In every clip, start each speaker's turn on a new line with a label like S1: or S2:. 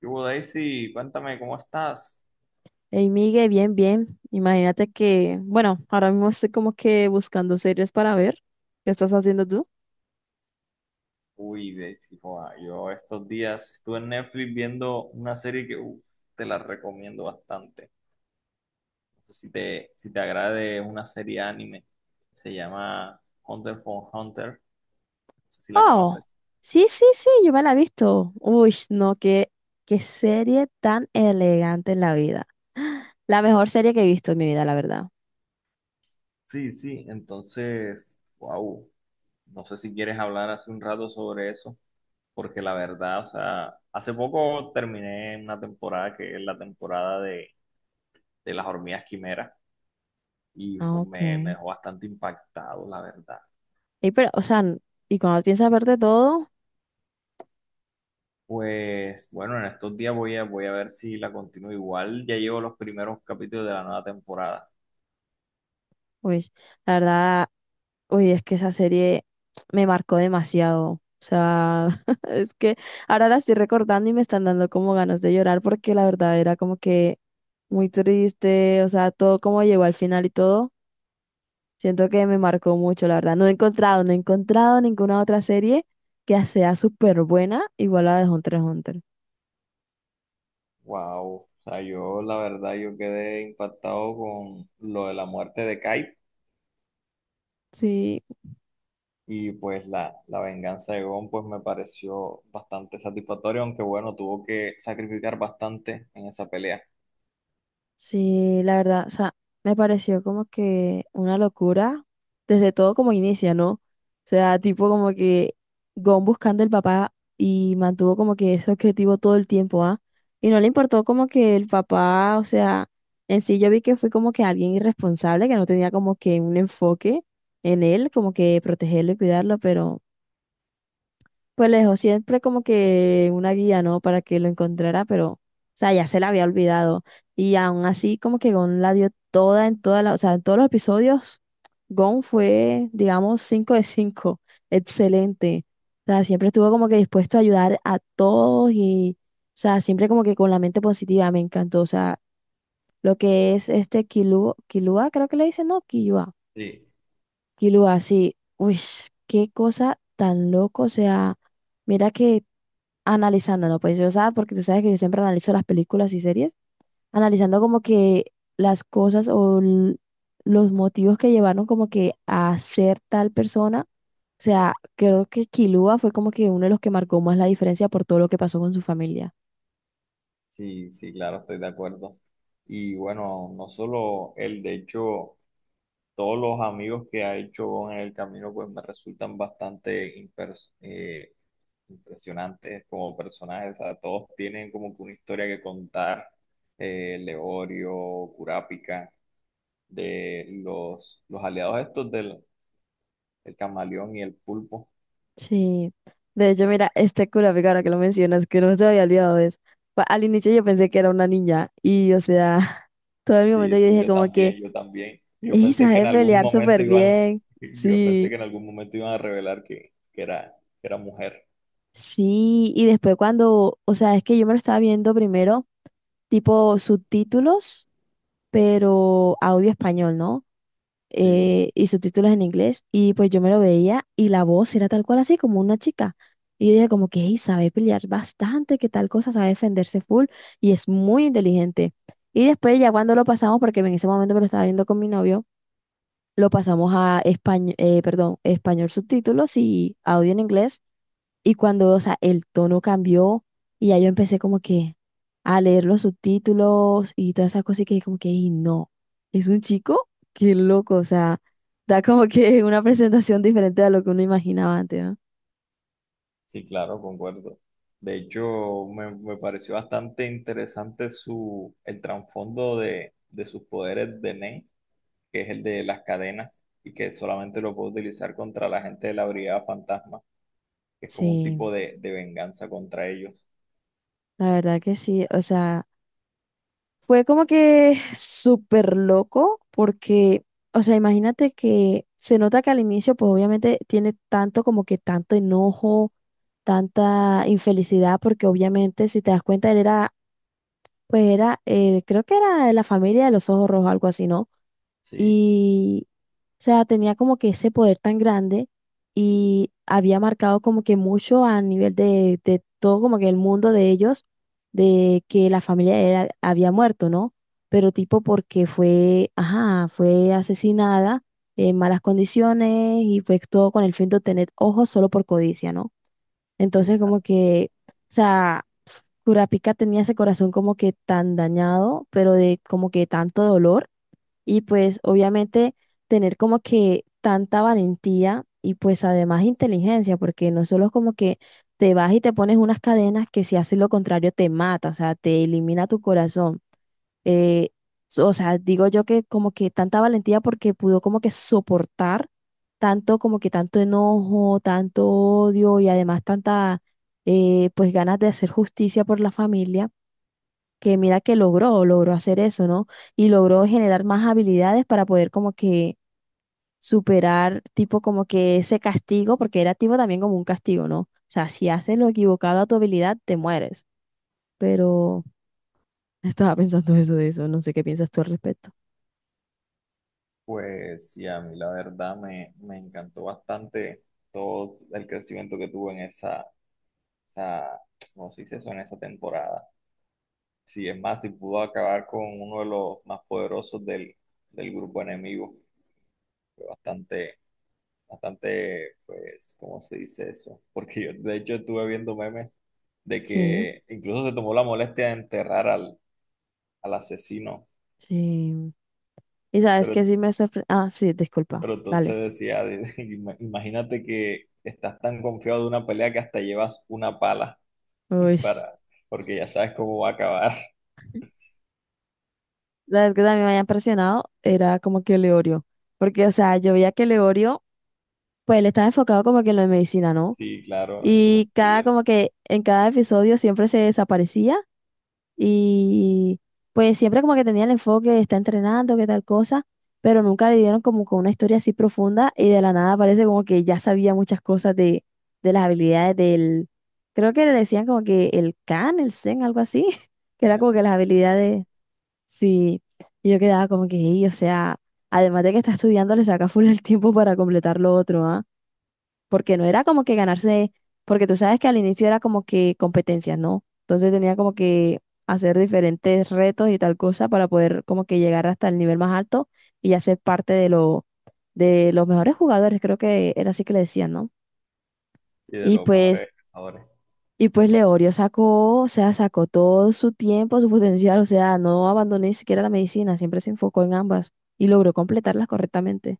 S1: ¿Qué hubo, Daisy? Cuéntame, ¿cómo estás?
S2: Hey, Miguel, bien, bien. Imagínate que, bueno, ahora mismo estoy como que buscando series para ver. ¿Qué estás haciendo tú?
S1: Uy, Daisy, joa, yo estos días estuve en Netflix viendo una serie que uf, te la recomiendo bastante. No sé si te agrade, es una serie anime. Se llama Hunter x Hunter. No sé si la
S2: Oh,
S1: conoces.
S2: sí, sí, sí, yo me la he visto. Uy, no, qué serie tan elegante en la vida. La mejor serie que he visto en mi vida, la verdad.
S1: Sí, sí, entonces, wow. No sé si quieres hablar hace un rato sobre eso, porque la verdad, o sea, hace poco terminé una temporada que es la temporada de las hormigas quimeras. Y
S2: Ah,
S1: ju-
S2: ok.
S1: me, me dejó bastante impactado, la verdad.
S2: Y pero, o sea, ¿y cuando piensas verte todo?
S1: Pues bueno, en estos días voy a ver si la continúo igual. Ya llevo los primeros capítulos de la nueva temporada.
S2: Uy, la verdad, uy, es que esa serie me marcó demasiado. O sea, es que ahora la estoy recordando y me están dando como ganas de llorar, porque la verdad era como que muy triste. O sea, todo como llegó al final y todo, siento que me marcó mucho, la verdad. No he encontrado ninguna otra serie que sea súper buena igual a la de Hunter x Hunter.
S1: Wow, o sea, yo la verdad yo quedé impactado con lo de la muerte de Kite,
S2: Sí.
S1: y pues la venganza de Gon pues me pareció bastante satisfactorio, aunque bueno, tuvo que sacrificar bastante en esa pelea.
S2: Sí, la verdad, o sea, me pareció como que una locura desde todo como inicia, ¿no? O sea, tipo como que Gon buscando el papá y mantuvo como que ese objetivo todo el tiempo, ¿ah? Y no le importó como que el papá. O sea, en sí yo vi que fue como que alguien irresponsable, que no tenía como que un enfoque en él, como que protegerlo y cuidarlo, pero pues le dejó siempre como que una guía, ¿no? Para que lo encontrara. Pero, o sea, ya se la había olvidado. Y aún así, como que Gon la dio toda en toda la, o sea, en todos los episodios. Gon fue, digamos, 5 de cinco. Excelente. O sea, siempre estuvo como que dispuesto a ayudar a todos y, o sea, siempre como que con la mente positiva. Me encantó. O sea, lo que es este Kilua, Kilua, creo que le dicen, no, Kilua.
S1: Sí,
S2: Kilua, sí. Uy, qué cosa tan loco, o sea. Mira que analizándolo, pues yo, o porque tú sabes que yo siempre analizo las películas y series, analizando como que las cosas o los motivos que llevaron como que a ser tal persona. O sea, creo que Kilua fue como que uno de los que marcó más la diferencia por todo lo que pasó con su familia.
S1: sí, sí, claro, estoy de acuerdo. Y bueno, no solo él, de hecho, todos los amigos que ha hecho en el camino, pues me resultan bastante impresionantes como personajes. O sea, todos tienen como que una historia que contar. Leorio, Curápica, de los aliados estos del el camaleón y el pulpo.
S2: Sí, de hecho, mira, este Kurapika, ahora que lo mencionas, que no se me había olvidado de eso. Al inicio yo pensé que era una niña y, o sea, todo el momento
S1: Sí,
S2: yo
S1: sí,
S2: dije
S1: yo
S2: como que,
S1: también, yo también. Yo
S2: ella
S1: pensé que en
S2: sabe
S1: algún
S2: pelear
S1: momento
S2: súper
S1: iban,
S2: bien,
S1: yo pensé
S2: sí.
S1: que en algún momento iban a revelar que era mujer.
S2: Sí, y después cuando, o sea, es que yo me lo estaba viendo primero, tipo subtítulos, pero audio español, ¿no?
S1: Sí.
S2: Y subtítulos en inglés, y pues yo me lo veía y la voz era tal cual así, como una chica. Y yo dije como que, "Ey, sabe pelear bastante, que tal cosa, sabe defenderse full, y es muy inteligente". Y después ya cuando lo pasamos, porque en ese momento me lo estaba viendo con mi novio, lo pasamos a español, perdón, español subtítulos y audio en inglés. Y cuando, o sea, el tono cambió, y ya yo empecé como que a leer los subtítulos y todas esas cosas y que como que, y no, es un chico. Qué loco, o sea, da como que una presentación diferente a lo que uno imaginaba antes, ¿no?
S1: Sí, claro, concuerdo. De hecho, me pareció bastante interesante su, el trasfondo de sus poderes de Nen, que es el de las cadenas, y que solamente lo puede utilizar contra la gente de la Brigada Fantasma, que es como un tipo
S2: Sí,
S1: de venganza contra ellos.
S2: la verdad que sí. O sea, fue como que súper loco porque, o sea, imagínate que se nota que al inicio, pues obviamente tiene tanto como que tanto enojo, tanta infelicidad, porque obviamente si te das cuenta él era, pues era, creo que era de la familia de los ojos rojos, algo así, ¿no?
S1: Sí,
S2: Y, o sea, tenía como que ese poder tan grande y había marcado como que mucho a nivel de todo como que el mundo de ellos, de que la familia de él había muerto, ¿no? Pero tipo porque fue, ajá, fue asesinada en malas condiciones, y fue todo con el fin de obtener ojos solo por codicia, ¿no? Entonces
S1: sí.
S2: como que, o sea, Kurapika tenía ese corazón como que tan dañado, pero de como que tanto dolor. Y pues obviamente tener como que tanta valentía y pues además inteligencia, porque no solo es como que te vas y te pones unas cadenas que si haces lo contrario te mata, o sea, te elimina tu corazón. eh, so, o sea, digo yo que como que tanta valentía, porque pudo como que soportar tanto, como que tanto enojo, tanto odio y además tanta, pues ganas de hacer justicia por la familia, que mira que logró hacer eso, ¿no? Y logró generar más habilidades para poder como que superar tipo como que ese castigo, porque era tipo también como un castigo, ¿no? O sea, si haces lo equivocado a tu habilidad, te mueres. Pero estaba pensando eso de eso, no sé qué piensas tú al respecto.
S1: Pues sí, a mí la verdad me encantó bastante todo el crecimiento que tuvo en esa, ¿cómo se dice eso? En esa temporada. Sí, es más, si pudo acabar con uno de los más poderosos del grupo enemigo. Fue bastante, bastante, pues, ¿cómo se dice eso? Porque yo, de hecho, estuve viendo memes de
S2: Sí.
S1: que incluso se tomó la molestia de enterrar al asesino.
S2: Sí. Y sabes que
S1: Pero,
S2: sí me sorprendió. Ah, sí, disculpa.
S1: pero
S2: Dale.
S1: entonces decía, imagínate que estás tan confiado de una pelea que hasta llevas una pala
S2: Uy.
S1: para, porque ya sabes cómo va a acabar.
S2: Sabes que también me había impresionado. Era como que Leorio. Porque, o sea, yo veía que Leorio, pues él estaba enfocado como que en lo de medicina, ¿no?
S1: Sí, claro, en sus
S2: Y cada,
S1: estudios.
S2: como que en cada episodio siempre se desaparecía. Y pues siempre como que tenía el enfoque de está entrenando, que tal cosa, pero nunca le dieron como con una historia así profunda, y de la nada parece como que ya sabía muchas cosas de las habilidades del, creo que le decían como que el can el Zen, algo así, que era como que
S1: Sí,
S2: las
S1: sí,
S2: habilidades, sí, y yo quedaba como que, "Ey, o sea, además de que está estudiando, le saca full el tiempo para completar lo otro, ¿ah?". Porque no era como que ganarse, porque tú sabes que al inicio era como que competencias, ¿no? Entonces tenía como que hacer diferentes retos y tal cosa para poder como que llegar hasta el nivel más alto y hacer parte de los mejores jugadores, creo que era así que le decían, ¿no?
S1: sí, de
S2: Y
S1: los
S2: pues,
S1: mejores. Pescadores.
S2: y pues Leorio sacó, o sea, sacó todo su tiempo, su potencial. O sea, no abandonó ni siquiera la medicina, siempre se enfocó en ambas y logró completarlas correctamente.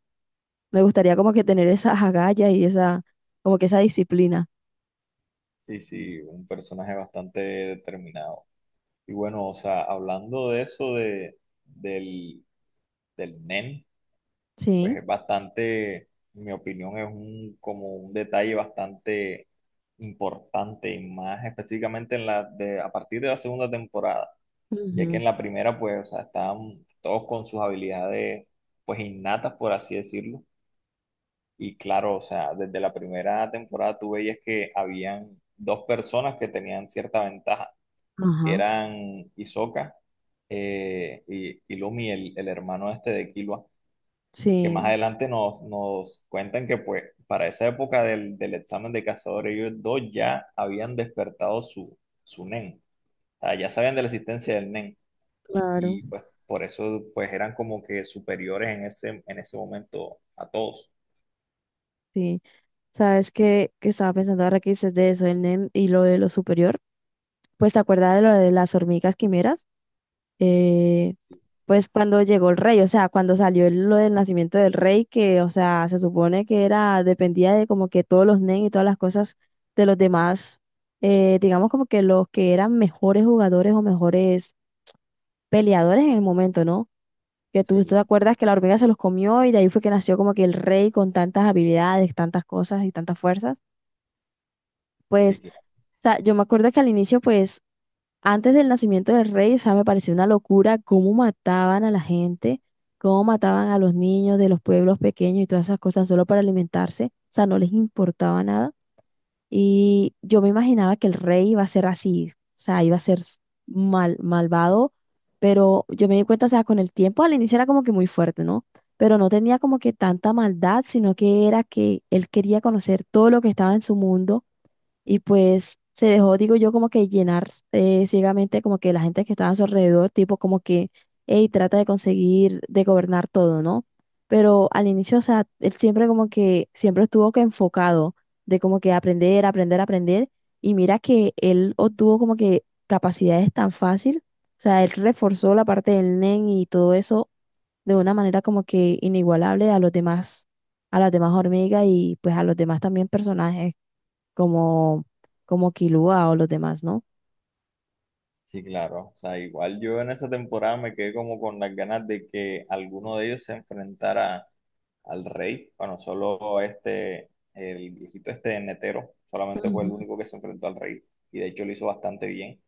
S2: Me gustaría como que tener esa agallas y esa, como que esa disciplina.
S1: Sí, sí, un personaje bastante determinado. Y bueno, o sea, hablando de eso de, del, del Nen, pues
S2: Sí.
S1: es bastante, en mi opinión, es un, como un detalle bastante importante y más específicamente en la de, a partir de la segunda temporada, ya que
S2: Ujú,
S1: en la primera, pues, o sea, estaban todos con sus habilidades, pues, innatas, por así decirlo. Y claro, o sea, desde la primera temporada tú veías que habían dos personas que tenían cierta ventaja,
S2: ajá,
S1: eran Hisoka y Lumi, el hermano este de Killua, que
S2: sí,
S1: más adelante nos cuentan que pues para esa época del examen de cazadores, ellos dos ya habían despertado su, su Nen, o sea, ya sabían de la existencia del Nen,
S2: claro,
S1: y pues por eso pues eran como que superiores en ese momento a todos.
S2: sí. Sabes que estaba pensando ahora que dices de eso, el NEM y lo de lo superior. Pues te acuerdas de lo de las hormigas quimeras. Eh, pues cuando llegó el rey, o sea, cuando salió lo del nacimiento del rey, que, o sea, se supone que era, dependía de como que todos los NEM y todas las cosas de los demás, digamos como que los que eran mejores jugadores o mejores peleadores en el momento, ¿no? Que tú te
S1: Sí,
S2: acuerdas que la hormiga se los comió, y de ahí fue que nació como que el rey con tantas habilidades, tantas cosas y tantas fuerzas. Pues,
S1: sí,
S2: o sea, yo me acuerdo que al inicio, pues, antes del nacimiento del rey, o sea, me pareció una locura cómo mataban a la gente, cómo mataban a los niños de los pueblos pequeños y todas esas cosas solo para alimentarse. O sea, no les importaba nada. Y yo me imaginaba que el rey iba a ser así, o sea, iba a ser malvado, pero yo me di cuenta, o sea, con el tiempo al inicio era como que muy fuerte, ¿no? Pero no tenía como que tanta maldad, sino que era que él quería conocer todo lo que estaba en su mundo, y pues se dejó, digo yo, como que llenar ciegamente como que la gente que estaba a su alrededor, tipo como que, hey, trata de conseguir, de gobernar todo, ¿no? Pero al inicio, o sea, él siempre como que, siempre estuvo que enfocado de como que aprender, aprender, aprender, y mira que él obtuvo como que capacidades tan fácil. O sea, él reforzó la parte del NEN y todo eso de una manera como que inigualable a los demás, a las demás hormigas, y pues a los demás también personajes como, como Kilua o los demás, ¿no?
S1: sí, claro. O sea, igual yo en esa temporada me quedé como con las ganas de que alguno de ellos se enfrentara al rey. Bueno, solo este, el viejito este netero, solamente fue el
S2: Ujú.
S1: único que se enfrentó al rey. Y de hecho lo hizo bastante bien.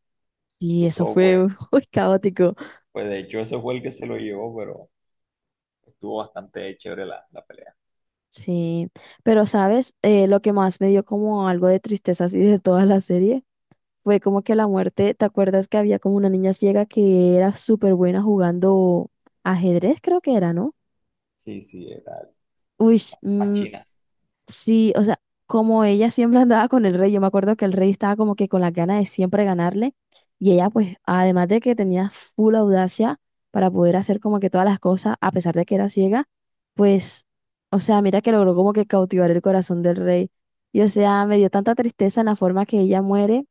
S2: Y eso
S1: Incluso,
S2: fue
S1: pues,
S2: muy caótico.
S1: pues de hecho ese fue el que se lo llevó, pero estuvo bastante chévere la pelea.
S2: Sí, pero sabes, lo que más me dio como algo de tristeza así de toda la serie fue como que la muerte. ¿Te acuerdas que había como una niña ciega que era súper buena jugando ajedrez, creo que era, ¿no?
S1: Sí, sí, era
S2: Uy,
S1: a
S2: mm,
S1: Chinas.
S2: sí, o sea, como ella siempre andaba con el rey. Yo me acuerdo que el rey estaba como que con las ganas de siempre ganarle, y ella pues, además de que tenía full audacia para poder hacer como que todas las cosas, a pesar de que era ciega, pues, o sea, mira que logró como que cautivar el corazón del rey. Y o sea, me dio tanta tristeza en la forma que ella muere,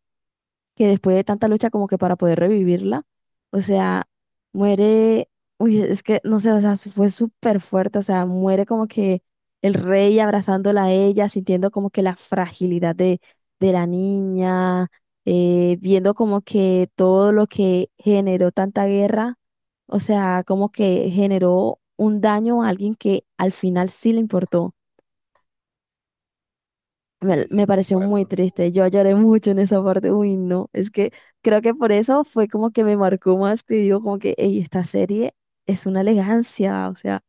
S2: que después de tanta lucha como que para poder revivirla, o sea, muere. Uy, es que no sé, o sea, fue súper fuerte. O sea, muere como que el rey abrazándola a ella, sintiendo como que la fragilidad de la niña, viendo como que todo lo que generó tanta guerra. O sea, como que generó un daño a alguien que al final sí le importó. Me,
S1: Sí,
S2: me
S1: sí,
S2: pareció muy
S1: concuerdo.
S2: triste, yo lloré mucho en esa parte. Uy, no, es que creo que por eso fue como que me marcó más. Te digo como que, "Ey, esta serie es una elegancia, o sea,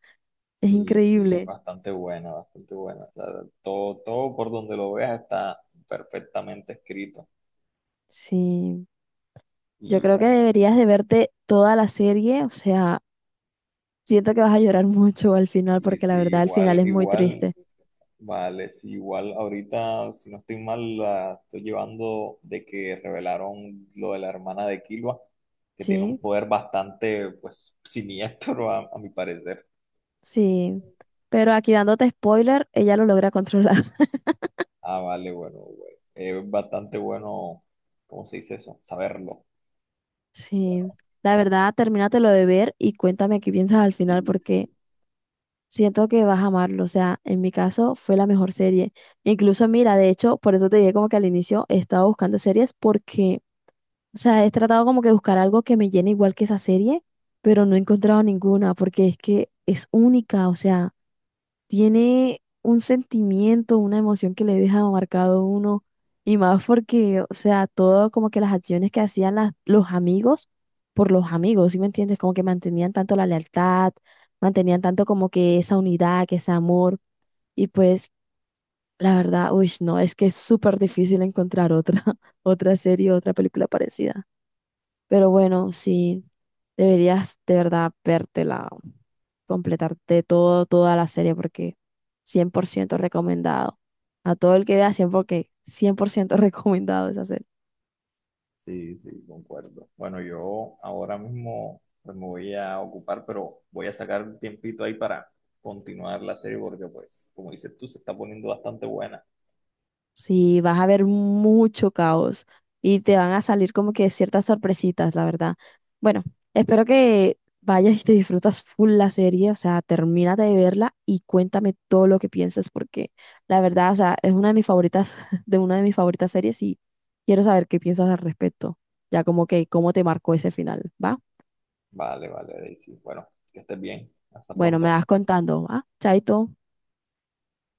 S2: es
S1: Sí, sí,
S2: increíble".
S1: bastante buena, bastante buena. O sea, todo, todo por donde lo veas está perfectamente escrito.
S2: Sí, yo
S1: Y
S2: creo que
S1: bueno,
S2: deberías de verte toda la serie. O sea, siento que vas a llorar mucho al final
S1: y
S2: porque la
S1: si
S2: verdad el final
S1: igual,
S2: es muy
S1: igual,
S2: triste,
S1: vale, si igual ahorita, si no estoy mal, la estoy llevando de que revelaron lo de la hermana de Killua, que tiene
S2: sí,
S1: un poder bastante, pues, siniestro a mi parecer.
S2: sí, pero aquí dándote spoiler, ella lo logra controlar.
S1: Ah, vale, bueno, güey. Es bastante bueno, ¿cómo se dice eso? Saberlo.
S2: Sí, la verdad, termínatelo de ver y cuéntame qué piensas al final,
S1: Y
S2: porque
S1: sí.
S2: siento que vas a amarlo. O sea, en mi caso fue la mejor serie. Incluso, mira, de hecho, por eso te dije como que al inicio he estado buscando series, porque, o sea, he tratado como que buscar algo que me llene igual que esa serie, pero no he encontrado ninguna, porque es que es única. O sea, tiene un sentimiento, una emoción que le deja marcado a uno. Y más porque, o sea, todo como que las acciones que hacían los amigos por los amigos, ¿sí me entiendes? Como que mantenían tanto la lealtad, mantenían tanto como que esa unidad, que ese amor, y pues la verdad, uy, no, es que es súper difícil encontrar otra, otra serie, otra película parecida. Pero bueno, sí, deberías de verdad vértela, completarte todo, toda la serie, porque 100% recomendado. A todo el que vea, cien por ciento recomendado esa serie.
S1: Sí, sí, concuerdo. Bueno, yo ahora mismo pues, me voy a ocupar, pero voy a sacar un tiempito ahí para continuar la serie porque, pues, como dices tú, se está poniendo bastante buena.
S2: Sí, vas a ver mucho caos y te van a salir como que ciertas sorpresitas, la verdad. Bueno, espero que vayas y te disfrutas full la serie. O sea, termínate de verla y cuéntame todo lo que piensas, porque la verdad, o sea, es una de mis favoritas, de una de mis favoritas series, y quiero saber qué piensas al respecto, ya como que cómo te marcó ese final, ¿va?
S1: Vale, vale, Daisy. Bueno, que estés bien. Hasta
S2: Bueno, me
S1: pronto.
S2: vas contando, va. Chaito.